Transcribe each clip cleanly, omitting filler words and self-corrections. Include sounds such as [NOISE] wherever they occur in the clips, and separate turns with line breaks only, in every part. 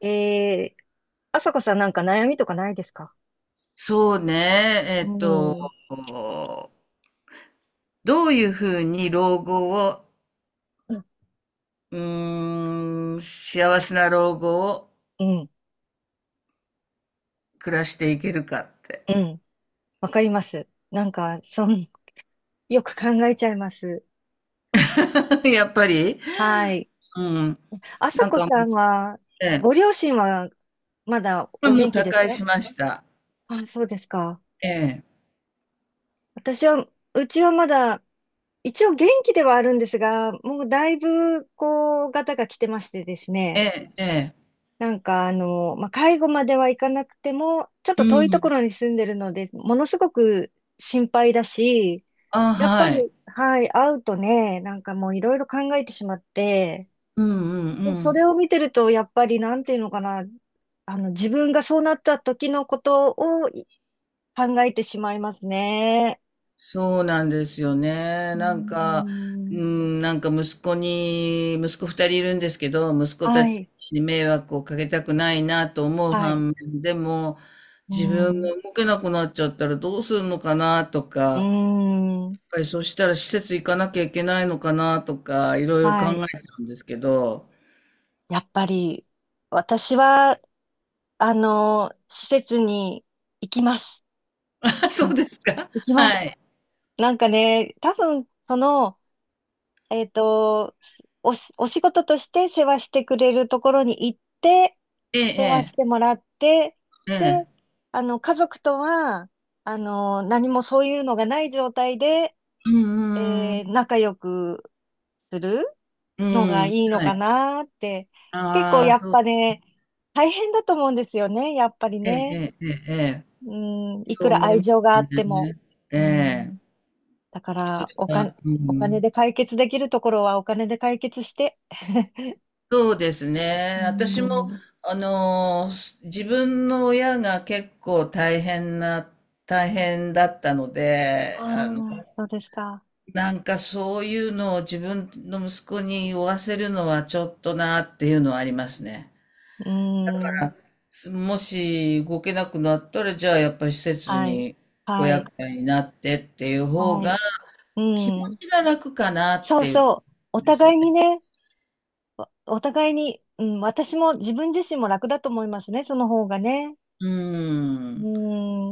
えー、あさこさん、なんか悩みとかないですか？
そうね、え
う
っと、
ん。うん
どういうふうに老後を、
うん。
幸せな老後を
うん。
暮らしていけるかって。
わかります。なんか、[LAUGHS] よく考えちゃいます。
[LAUGHS] やっぱり。
はい。
うん。
あさ
なん
こ
か。
さんは、
ええ。
ご両親はまだ
まあ
お
もう
元気
他
です
界
か？
しました。
あ、そうですか。
ええ、
私は、うちはまだ、一応元気ではあるんですが、もうだいぶ、こう、ガタが来てましてです
え
ね。
え、ええ、
なんかあの、まあ、介護まではいかなくても、ちょっ
う
と遠いとこ
ん。
ろに住んでるので、ものすごく心配だし、
あ、
やっ
は
ぱ
い。
り、はい、会うとね、なんかもういろいろ考えてしまって、
うんうん
で、
う
そ
ん。
れを見てると、やっぱりなんていうのかな、あの、自分がそうなった時のことを考えてしまいますね。
そうなんですよね。
うーん。
なんか息子二人いるんですけど、息子
は
たち
い。
に迷惑をかけたくないなと思う
はい。
反面、でも、
うー
自分
ん。
が動けなくなっちゃったらどうするのかなとか、
うー
やっ
ん。
ぱりそしたら施設行かなきゃいけないのかなとか、いろいろ考
はい。
えちゃうんですけど。
やっぱり、私は、あの、施設に行きます。
[LAUGHS] あ、
う
そう
ん、
ですか。
行き
[LAUGHS]
ま
は
す。
い。
なんかね、多分、その、えっと、お仕事として世話してくれるところに行って、
え
世話
え、
してもらって、
ええ、え
で、
え。
あの、家族とは、あの、何もそういうのがない状態で、
うん、うん、
仲良くする
うん。
のが
う
い
ん、
いの
は
か
い。
なって、結構
ああ、
やっ
そう。
ぱね、大変だと思うんですよね、やっぱり
ええ、
ね。
ええ。ええ、
うん、い
そ
く
う
ら
思い
愛
ま
情が
す
あっても、
ね。え
う
え。
ん、だか
そ
ら、
れは、う
お金
ん。
で解決できるところはお金で解決して、[LAUGHS]
そうです
う
ね。私も、
ん。
あの、自分の親が結構大変だったので、
ああ、そうですか。
なんかそういうのを自分の息子に負わせるのはちょっとなっていうのはありますね。
う
だ
ん。
から、もし動けなくなったら、じゃあやっぱり施設
はい。
にご
はい。
厄介になってっていう方
は
が、
い。う
気持
ん。
ちが楽かなっ
そう
ていうこ
そう、お
とですよ
互いに
ね。
ね、お互いに、うん、私も自分自身も楽だと思いますね、その方がね。
うー
う
ん。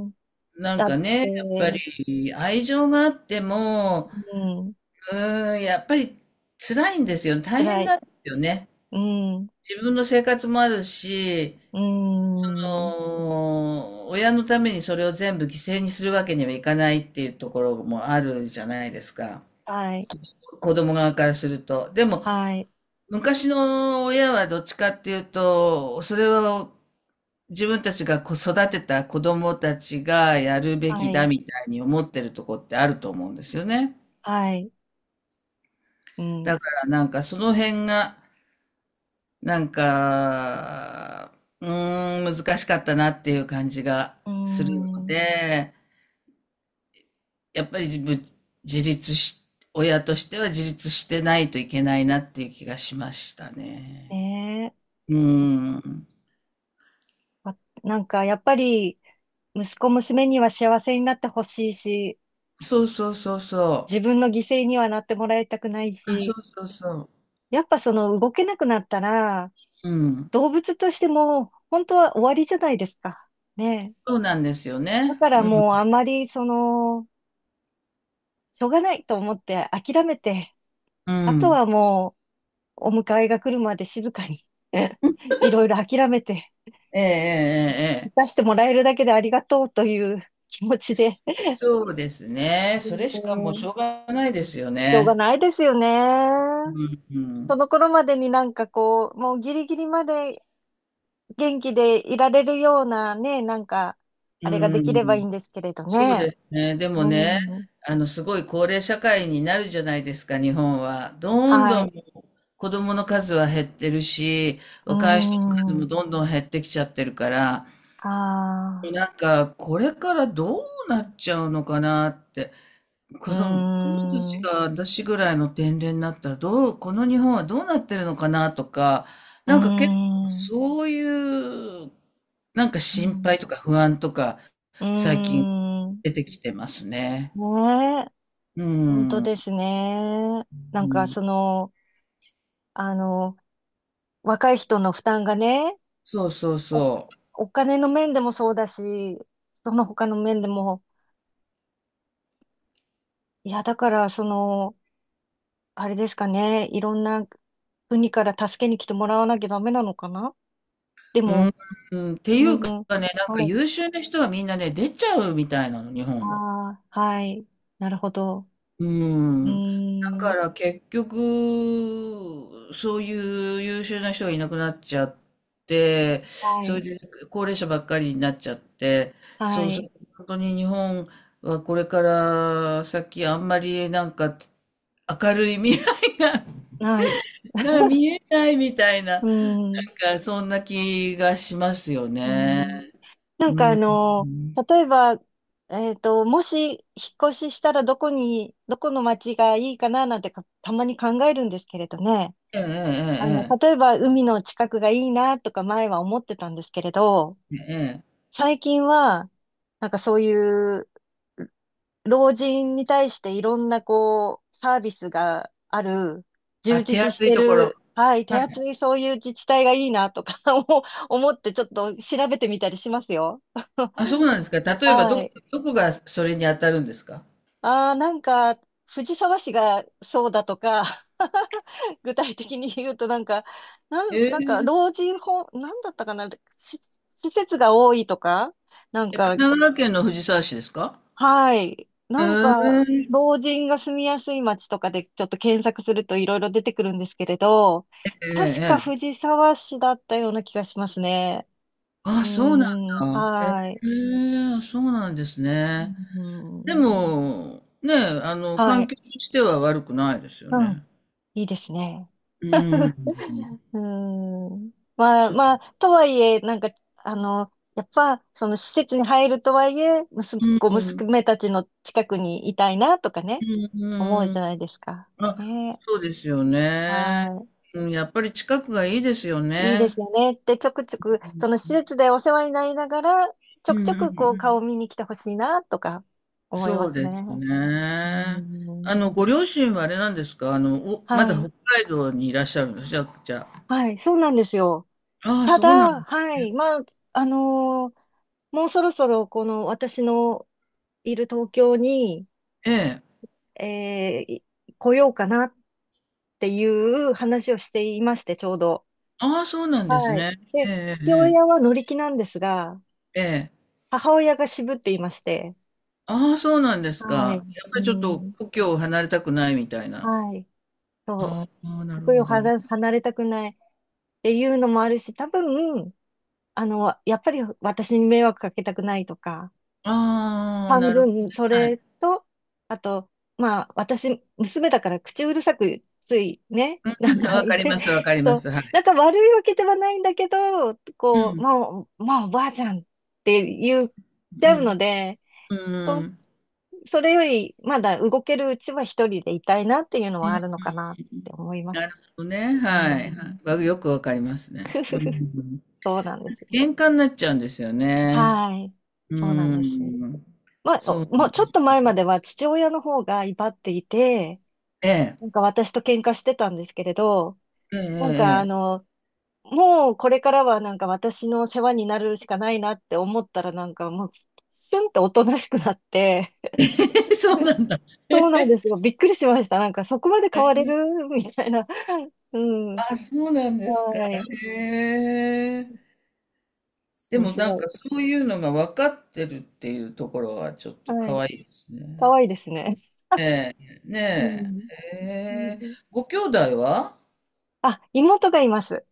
ん。
なん
だっ
かね、やっぱ
て、
り愛情があっても、
うん、
やっぱり辛いんですよ。大
辛
変
い、
なんですよね。
うん。
自分の生活もあるし、
う
そ
ん。
親のためにそれを全部犠牲にするわけにはいかないっていうところもあるじゃないですか。
はい。
子供側からすると。でも、
はい。
昔の親はどっちかっていうと、それは自分たちがこう育てた子供たちがやるべ
は
きだ
い。
みたいに思ってるとこってあると思うんですよね。
はい。うん。う
だからなんかその辺が、なんか、難しかったなっていう感じが
ー
するの
ん。
で、やっぱり自分、自立し、親としては自立してないといけないなっていう気がしましたね。
ねえ。
うーん。
わなんかやっぱり息子娘には幸せになってほしいし、
そうそうそうそ
自
う。
分の犠牲にはなってもらいたくない
あ、そ
し、
うそうそう。
やっぱその動けなくなったら、
うん。
動物としても本当は終わりじゃないですか。ねえ。
そうなんですよ
だ
ね。
から
う
もう
ん。
あんまりその、しょうがないと思って諦めて、
う
あと
ん。
はもうお迎えが来るまで静かに [LAUGHS] いろいろ諦めて、
えええええ
出
え。
してもらえるだけでありがとうという気持ちで。
そうですね。
う
それしかもうし
ん。
ょうがないですよ
しょうが
ね。
ないですよね。
うん、う
そ
ん。
の頃までになんかこう、もうギリギリまで元気でいられるようなね、なんか、あれがで
う
きればいい
ん。
んですけれど
そう
ね。
ですね。でもね、
うん。
すごい高齢社会になるじゃないですか、日本は。どん
は
どん
い。
子供の数は減ってるし、
う
若い人の数も
ん。
どんどん減ってきちゃってるから、
ああ。
なんか、これからどうなっちゃうのかなって。
う
子供た
ん。
ち
うん。
が私ぐらいの年齢になったら、この日本はどうなってるのかなとか、なんか結構そういう、なんか
う
心配
ん。
とか不安とか、
う
最近
ん。
出てきてますね。
ねえ。
う
本当
ん。う
ですね。なんか
ん、
その、あの、若い人の負担がね、
そうそう
お、
そ
お金の面でもそうだし、その他の面でも、いや、だから、その、あれですかね、いろんな国から助けに来てもらわなきゃダメなのかな。で
う。うん、
も、
うんってい
う
うか
ん。
ね、なんか
はい。
優秀な人はみんなね、出ちゃうみたいなの、日
あ
本を。
あ、はい、なるほど。
う
うー
ん。だか
ん。
ら結局、そういう優秀な人がいなくなっちゃって、
は
それ
い。
で高齢者ばっかりになっちゃって、
は
そうす
い。
ると本当に日本はこれから先あんまりなんか明るい未来が
はい。
[LAUGHS] なんか見えないみたいな、
う
な
ーん。
んかそんな気がしますよ
う
ね。
ん。なんか
う
あ
ん。
の、例えば、もし引っ越ししたらどこに、どこの町がいいかななんてか、たまに考えるんですけれどね。あの、
えええ
例えば海の近くがいいなとか前は思ってたんですけれど、
えええ。ええ。
最近は、なんかそういう老人に対していろんなこう、サービスがある、
あ、
充
手
実し
厚い
て
ところ。
る、はい、手
はい。
厚いそういう自治体がいいなとか [LAUGHS] 思ってちょっと調べてみたりしますよ。[LAUGHS]
あ、そうなんですか。例えば、
はい。
どこがそれに当たるんですか？
ああ、なんか、藤沢市がそうだとか、[LAUGHS] 具体的に言うとなんか、なんか、
ええ
老人ホーム、なんだったかな、し施設が多いとか、なん
え、神
か、
奈川県の藤沢市ですか？
はい、
え
なんか、
え
老人が住みやすい街とかでちょっと検索するといろいろ出てくるんですけれど、
え
確か
えええ。
藤沢市だったような気がしますね。う
あ、そうなん
ーん。
だ。え
はい。
え、そうなんです
う
ね。で
ん。
も、ね、
は
環
い。
境としては悪くないですよ
うん、
ね。
いいですね。
うん。
うーん。まあ
う
まあ、とはいえ、なんか、あの、やっぱ、その施設に入るとはいえ、息子、こう
ん、
娘たちの近くにいたいなとか
う
ね、
ん、
思う
う
じゃ
ん。
ないですか。
あ、
ね。
そうですよね。
は
うん、やっぱり近くがいいですよ
い。いいで
ね。
すよね。で、ちょくちょく、その施設でお世話になりながら、ち
う
ょく
ん、
ち
うん、
ょ
う
くこう顔を
ん。
見に来てほしいなとか思いま
そう
す
です
ね。うー
ね。
ん。
ご両親はあれなんですか？ま
は
だ
い。
北海道にいらっしゃるんです。じゃあ、じゃ
はい。そうなんですよ。
あ。ああ、
た
そうな
だ、
ん、
はい、まあ、あのーもうそろそろこの私のいる東京に、
ええ。
えーい来ようかなっていう話をしていまして、ちょうど。
ああ、そうなんです
はい。
ね。
で、
え
父
え、
親は乗り気なんですが、
ええ、ええ。
母親が渋っていまして、
ああ、そうなんです
はい、
か。やっぱ
う
りちょっと
ん、
故郷を離れたくないみたいな。
はい、そう、
ああ、な
こ
る
こ
ほ
よ
ど。
離れたくないっていうのもあるし、多分、あの、やっぱり私に迷惑かけたくないとか、
ああ、
半
なるほど
分、
ね。
そ
は
れ
い。
と、あと、まあ、私、娘だから口うるさく、ついね、[LAUGHS]
う
なん
ん、
か、
わ
ね、
かります、わかりま
そう、
す。は
な
い。
んか悪いわけではないんだけど、
う
こう、
ん、
もう、まあ、おばあちゃんって言っ
う
ちゃうの
ん、
で、
う
そう、
ん、
それより、まだ動けるうちは一人でいたいなっていうの
う
はあるの
ん。
かなって思いま
なる
す。
ほどね。
う
はい。はい
ん。
わ、よくわかりますね。う
[LAUGHS]
ん、
そうなんですよ。
喧嘩になっちゃうんですよね。
はい。
う
そうなん
ー
です。
ん。
まあ、お
そうな
も
ん
う
で
ちょっと
す。
前までは父親の方が威張っていて、
ええ。
なんか私と喧嘩してたんですけれど、なんかあ
えええ
の、もうこれからはなんか私の世話になるしかないなって思ったらなんかもう、シュンっておとなしくなって、
えええ [LAUGHS]。そうなんだ。
そうなんですよ。びっくりしました。なんかそこまで
え
変われ
え、
るみたいな。うん。
あ、そうなんですか。
はい。
へえ。で
面
も
白
なんか
い。
そういうのが分かってるっていうところはちょっと
は
可
い。
愛いです
可
ね。
愛いですね。
ええ、
う
ね
ん。
え。へ
う
え。
ん。
ご兄弟は？
あ、妹がいます。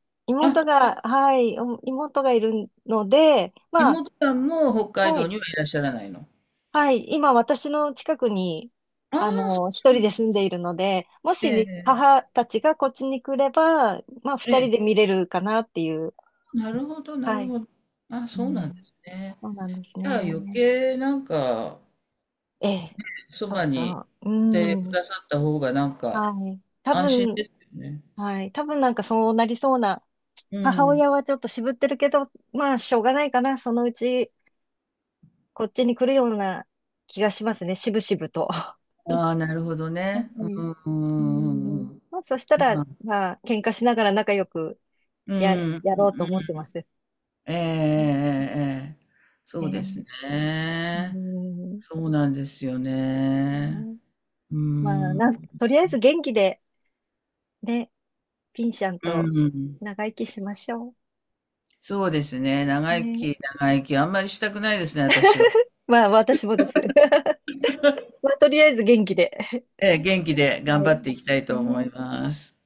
あ、
妹が、はい、お妹がいるので、まあ、
妹さんも北海
は
道
い、
にはいらっしゃらないの。
はい、今私の近くに、
ああ、
あ
そ
の、一
うな
人
んで
で
すね。
住んでいるので、もし母たちがこっちに来れば、まあ
ええ。
二人
え
で
え。
見れるかなっていう。
なるほどな
は
る
い。
ほど。あ、
う
そうなんで
ん、
すね。
そうなんです
じゃあ余
ね。
計なんか、
ええ。
そ
そう
ば
そ
に
う。う
いてく
ん。
ださった方がなんか
はい。多
安心
分、
ですよね。
はい。多分なんかそうなりそうな。
う
母
ん。
親はちょっと渋ってるけど、まあしょうがないかな。そのうちこっちに来るような気がしますね。渋々と。[LAUGHS] は
ああ、なるほどね。うん
い
う
うん。
んうん
まあ、そした
うん。ま
ら、
あ、
まあ、喧嘩しながら仲良く
う
や、
ん、うん、
やろうと思ってます。
ええええええ、
え
そうです
ー、う
ね。
ん。
そうなんですよね。う
まあ、
ん。
とりあえず元気で、ね、ピンシャン
う
と
ん。
長生きしましょ
そうですね。
う。
長生
ね。
き、長生き、あんまりしたくないですね、私は。
まあ、私もです。[LAUGHS] まあ、とりあえず元気で。[LAUGHS]
ええ、元気で頑
は
張
い。
っていきたいと思
ね。
います。